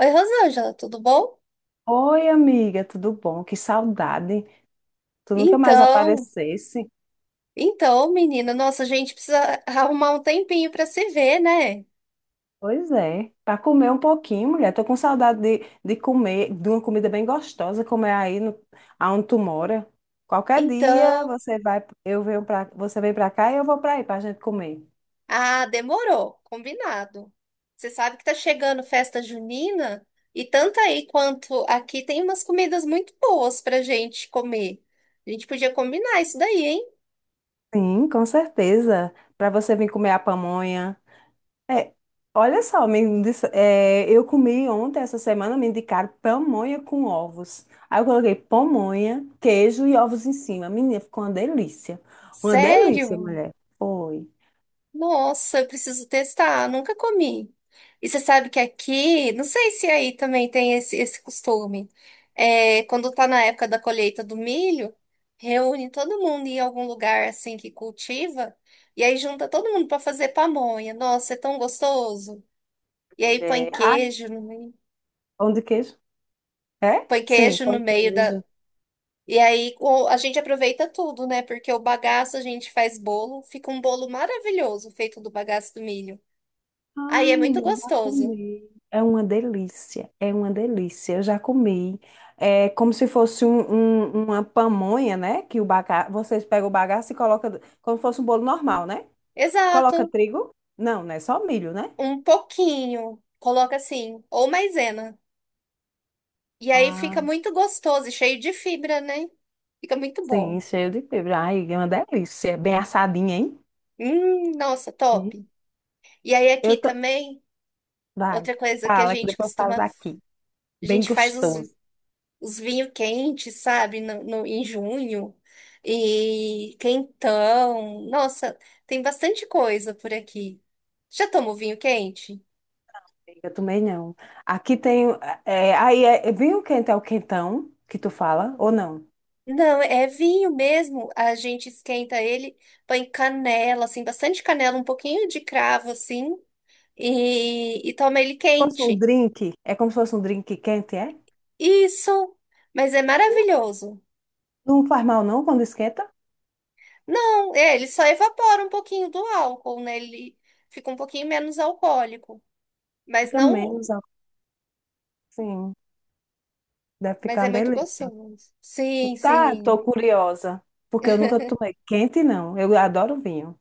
Oi, Rosângela, tudo bom? Oi, amiga, tudo bom? Que saudade. Tu nunca mais Então, aparecesse. Menina, nossa, a gente precisa arrumar um tempinho para se ver, né? Pois é, para comer um pouquinho, mulher. Tô com saudade de comer, de uma comida bem gostosa, como é aí no, aonde tu mora. Qualquer dia Então, você vai, eu você vem para cá e eu vou para aí para a gente comer. ah, demorou, combinado. Você sabe que tá chegando festa junina e tanto aí quanto aqui tem umas comidas muito boas pra gente comer. A gente podia combinar isso daí, hein? Sim, com certeza. Para você vir comer a pamonha. É, olha só, eu comi ontem, essa semana, me indicaram pamonha com ovos. Aí eu coloquei pamonha, queijo e ovos em cima. Menina, ficou uma delícia. Uma delícia, Sério? mulher. Foi. Nossa, eu preciso testar. Nunca comi. E você sabe que aqui, não sei se aí também tem esse costume. É, quando tá na época da colheita do milho, reúne todo mundo em algum lugar assim que cultiva e aí junta todo mundo para fazer pamonha. Nossa, é tão gostoso. E aí põe Mulher. Ah, queijo no meio, pão de queijo? É? põe Sim, queijo pão no de meio da. queijo. E aí a gente aproveita tudo, né? Porque o bagaço a gente faz bolo, fica um bolo maravilhoso feito do bagaço do milho. Ah, Aí é muito mulher, eu já gostoso. comi. É uma delícia, é uma delícia. Eu já comi. É como se fosse uma pamonha, né? Que o baga... vocês pegam o bagaço e colocam como se fosse um bolo normal, né? Coloca Exato. trigo? Não, né? Só milho, né? Um pouquinho. Coloca assim, ou maisena. E aí fica Ah, muito gostoso e cheio de fibra, né? Fica muito sim, bom. cheio de fibra. Ai, é uma delícia. É bem assadinha, hein? Nossa, Uhum. top. E aí aqui Eu tô... também, Vai, outra coisa que a fala que gente depois eu falo costuma, daqui. a Bem gente faz os, gostoso. os vinhos quentes, sabe? Em junho. E quentão. Nossa, tem bastante coisa por aqui. Já tomou vinho quente? Eu também não. Aqui tem... é, aí é vinho quente é o quentão que tu fala, ou não? Não, é vinho mesmo. A gente esquenta ele, põe canela, assim, bastante canela, um pouquinho de cravo, assim, e toma ele Se fosse um quente. drink, é como se fosse um drink quente, é? Isso, mas é maravilhoso. Não faz mal não quando esquenta? Não, é, ele só evapora um pouquinho do álcool, né? Ele fica um pouquinho menos alcoólico, mas Fica menos, não, ó. Sim. Deve mas ficar é uma muito delícia. gostoso. Sim, Tá, tô sim. curiosa, porque eu nunca tomei quente, não. Eu adoro vinho.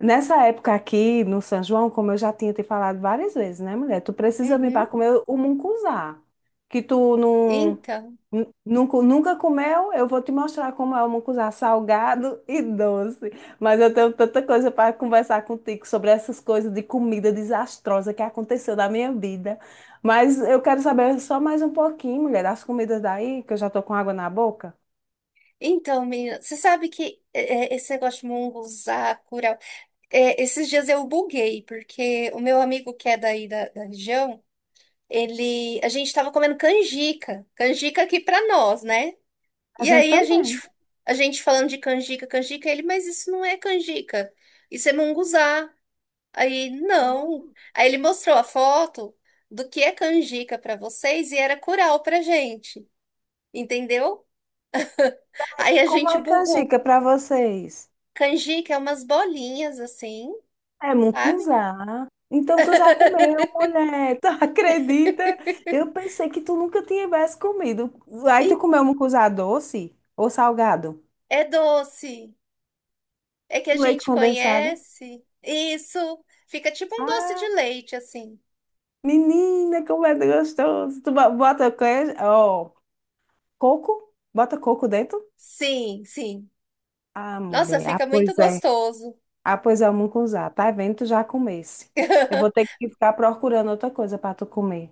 Nessa época aqui no São João, como eu já tinha te falado várias vezes, né, mulher? Tu precisa vir para Uhum. comer o mungunzá, que tu não, Então, nu- nunca, nunca comeu. Eu vou te mostrar como é o mungunzá salgado e doce. Mas eu tenho tanta coisa para conversar contigo sobre essas coisas de comida desastrosa que aconteceu na minha vida. Mas eu quero saber só mais um pouquinho, mulher, das comidas daí, que eu já tô com água na boca. Menina, você sabe que esse negócio de munguzá, curau. É, esses dias eu buguei, porque o meu amigo que é daí da região, ele, a gente tava comendo canjica, canjica aqui pra nós, né? A E gente aí também. a gente falando de canjica, canjica, ele, mas isso não é canjica, isso é munguzá. Aí, não. Aí ele mostrou a foto do que é canjica pra vocês e era curau pra gente, entendeu? E Aí a como gente é canjica bugou. para vocês? Canjica é umas bolinhas assim, É sabe? mucunzá. Então tu já comeu, mulher. Tu acredita? Eu pensei que tu nunca tivesse comido. Aí tu E comeu mucunzá doce ou salgado? é doce. É que a Com leite gente condensado? conhece. Isso. Fica tipo um doce de Ah, leite, assim. menina, como é gostoso. Tu bota queijo, ó, coco? Bota coco dentro? Sim, sim. Ah, Nossa, mulher. Ah, fica muito pois é. gostoso. Ah, pois é, o mucunzá. Tá vendo? Tu já comesse. Eu vou ter que ficar procurando outra coisa para tu comer.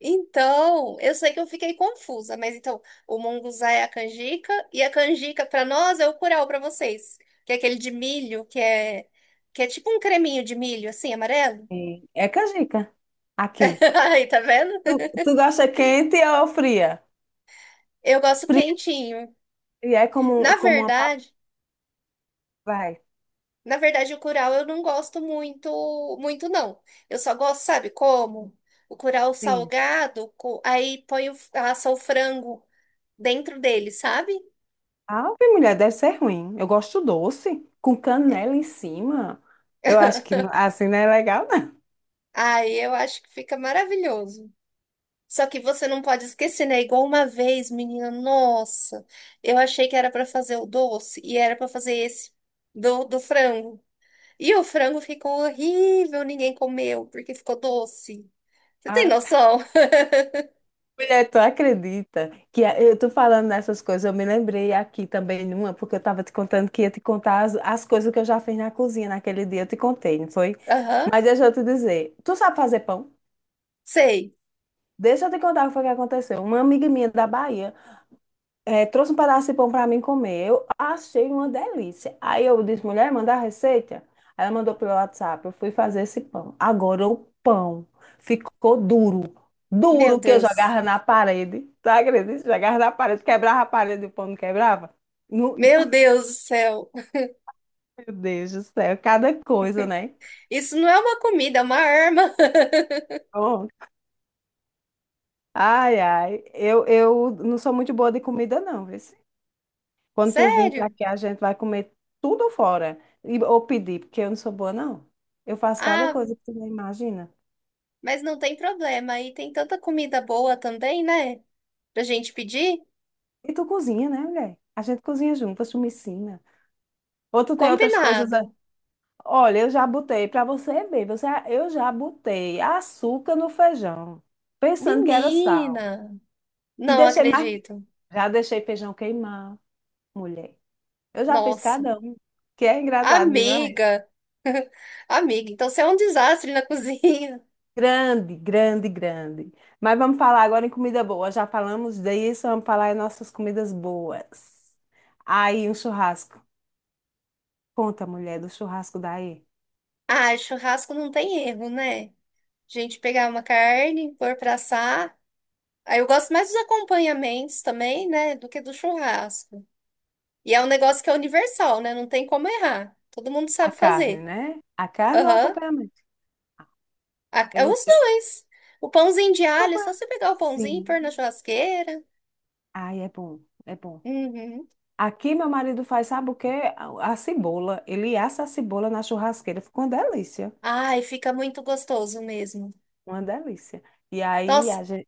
Então, eu sei que eu fiquei confusa, mas então, o monguzá é a canjica e a canjica para nós é o curau para vocês, que é aquele de milho, que é tipo um creminho de milho assim, amarelo. É é canjica. Aqui. Aí, tá vendo? Tu, tu gosta quente ou fria? Eu gosto Fria quentinho. e é como, Na como uma verdade, papai. Na verdade, o curau eu não gosto muito, muito não. Eu só gosto, sabe como? O curau Sim. salgado, aí põe o, assa o frango dentro dele, sabe? Ah, bem mulher, deve ser ruim. Eu gosto doce, com canela em cima. Eu acho que assim não é legal, não. Aí eu acho que fica maravilhoso. Só que você não pode esquecer, né? Igual uma vez, menina, nossa, eu achei que era para fazer o doce e era para fazer esse do frango. E o frango ficou horrível, ninguém comeu porque ficou doce. Você tem Ah, noção? mulher, tu acredita que eu tô falando nessas coisas? Eu me lembrei aqui também numa, porque eu tava te contando que ia te contar as coisas que eu já fiz na cozinha naquele dia. Eu te contei, não foi? Aham, Mas deixa eu te dizer, tu sabe fazer pão? sei. Deixa eu te contar o que foi que aconteceu. Uma amiga minha da Bahia. É, trouxe um pedaço de pão para mim comer. Eu achei uma delícia. Aí eu disse, mulher, manda a receita. Aí ela mandou pelo WhatsApp. Eu fui fazer esse pão. Agora o pão ficou duro. Meu Duro que eu Deus. jogava na parede. Tu acredita? Jogava na parede, quebrava a parede, e o pão não quebrava? No... Meu Deus do céu. Meu Deus do céu, cada coisa, né? Isso não é uma comida, é uma arma. Bom, ai, ai. Eu não sou muito boa de comida, não, viu? Quando tu vir para Sério? aqui, a gente vai comer tudo fora. E, ou pedir, porque eu não sou boa, não. Eu faço cada Ah, coisa que tu não imagina. mas não tem problema. Aí tem tanta comida boa também, né? Pra gente pedir? E tu cozinha, né, mulher? A gente cozinha juntas, tu me ensina. Ou tu tem outras coisas. Combinado. Olha, eu já botei, para você ver, eu já botei açúcar no feijão, pensando que era sal. Menina, E não deixei mais. acredito. Já deixei feijão queimar, mulher. Eu já fiz Nossa, cada um, que é engraçado demais. amiga. Amiga, então você é um desastre na cozinha. Grande, grande, grande. Mas vamos falar agora em comida boa. Já falamos disso, vamos falar em nossas comidas boas. Aí, um churrasco. Conta, mulher, do churrasco daí. Ah, churrasco não tem erro, né? A gente pegar uma carne, pôr pra assar. Aí eu gosto mais dos acompanhamentos também, né? Do que do churrasco. E é um negócio que é universal, né? Não tem como errar. Todo mundo A sabe carne, fazer. né? A carne ou o Aham. acompanhamento? É Eu, os eu dois. O pãozinho de alho, é só acompanho. você pegar o pãozinho e Sim. pôr na churrasqueira. Ai, é bom, é bom. Uhum. Aqui meu marido faz, sabe o quê? A cebola. Ele assa a cebola na churrasqueira. Fica uma delícia. Ai, fica muito gostoso mesmo. Uma delícia. E aí, Nossa, a gente...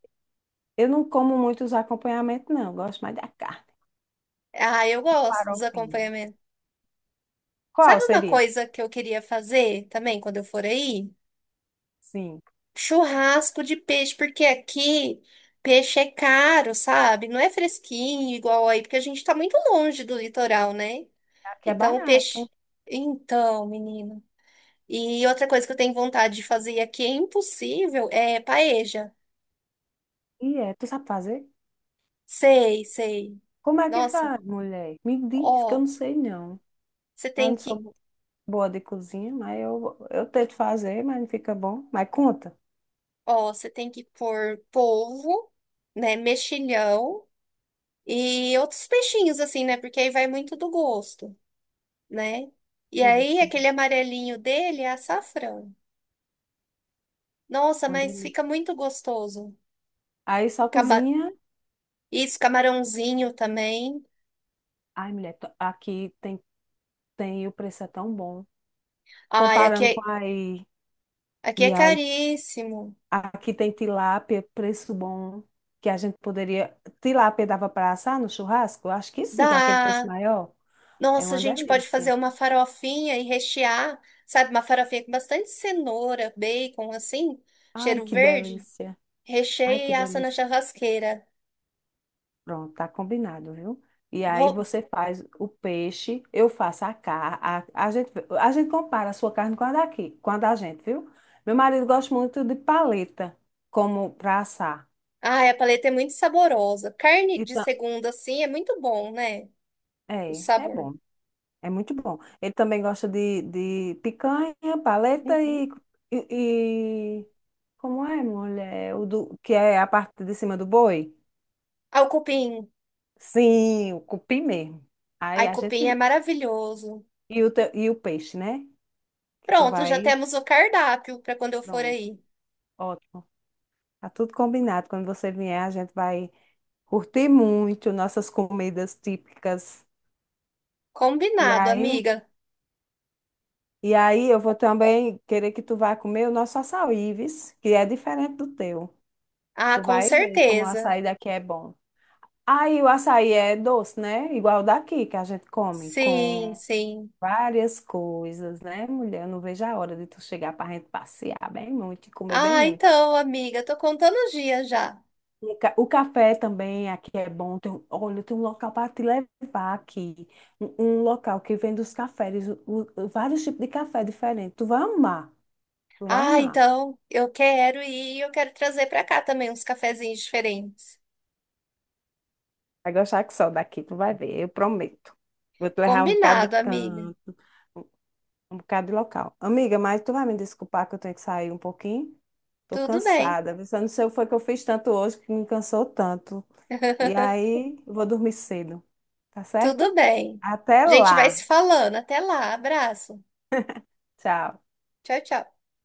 eu não como muito os acompanhamentos, não. Eu gosto mais da carne. ah, eu gosto dos Farofinha. acompanhamentos. Sabe Qual uma seria? coisa que eu queria fazer também quando eu for aí? Sim, Churrasco de peixe, porque aqui peixe é caro, sabe? Não é fresquinho igual aí, porque a gente tá muito longe do litoral, né? aqui é Então, o barato. peixe. Então, menino. E outra coisa que eu tenho vontade de fazer e aqui é impossível é paeja. E é, tu sabe fazer? Sei, sei. Como é que Nossa, faz, mulher? Me diz que eu não ó, sei não. você Eu tem não que, sou boa de cozinha, mas eu tento fazer, mas não fica bom. Mas conta. ó, você tem que pôr polvo, né, mexilhão e outros peixinhos assim, né? Porque aí vai muito do gosto, né? E Aí deve aí ser bom. aquele amarelinho dele é açafrão. Nossa, Uma mas fica delícia. muito gostoso. Aí só Cama... cozinha. Isso, camarãozinho também. Ai, mulher, tem o preço é tão bom. Ai, aqui Comparando com é. aí. Aqui é E aí, caríssimo. aqui tem tilápia, preço bom. Que a gente poderia. Tilápia dava para assar no churrasco? Acho que sim, que é aquele peixe Dá. maior. É Nossa, a uma gente pode fazer delícia. uma farofinha e rechear, sabe? Uma farofinha com bastante cenoura, bacon, assim, Ai, cheiro que verde. delícia. Ai, Recheia e que assa na delícia. churrasqueira. Pronto, tá combinado, viu? E aí Vou... você faz o peixe, eu faço a carne. A, a gente, a gente compara a sua carne com a daqui, com a da gente, viu? Meu marido gosta muito de paleta, como para assar. Ai, a paleta é muito saborosa. Carne de Então, segunda, assim, é muito bom, né? O é, é sabor. bom, é muito bom. Ele também gosta de picanha, paleta Uhum. E, e- Como é, mulher? O do, que é a parte de cima do boi? Ah, o cupim. Sim, o cupim mesmo. Aí Ai, a cupim é gente maravilhoso. E o peixe, né? Que tu Pronto, já vai. temos o cardápio para quando eu for Pronto, aí. ótimo. Tá tudo combinado. Quando você vier, a gente vai curtir muito nossas comidas típicas. E Combinado, aí, amiga. e aí eu vou também querer que tu vá comer o nosso açaí, vis, que é diferente do teu. Ah, Tu com vai ver como o certeza. açaí daqui é bom. Aí o açaí é doce, né? Igual daqui, que a gente come Sim, com sim. várias coisas, né, mulher? Eu não vejo a hora de tu chegar pra gente passear bem muito e comer bem Ah, muito. então, amiga, tô contando os dias já. O café também aqui é bom. Olha, tem um local para te levar aqui. Um local que vende os cafés, vários tipos de café diferentes. Tu vai amar, tu vai Ah, amar. então, eu quero ir, e eu quero trazer pra cá também uns cafezinhos diferentes. Vai gostar que só daqui, tu vai ver, eu prometo. Vou te levar um bocado de Combinado, amiga. canto, um, um bocado de local. Amiga, mas tu vai me desculpar que eu tenho que sair um pouquinho? Tô Tudo bem. cansada. Eu não sei o que foi que eu fiz tanto hoje que me cansou tanto. E aí, eu vou dormir cedo, tá certo? Tudo bem. Até A gente vai lá. se falando. Até lá. Abraço. Tchau. Tchau, tchau.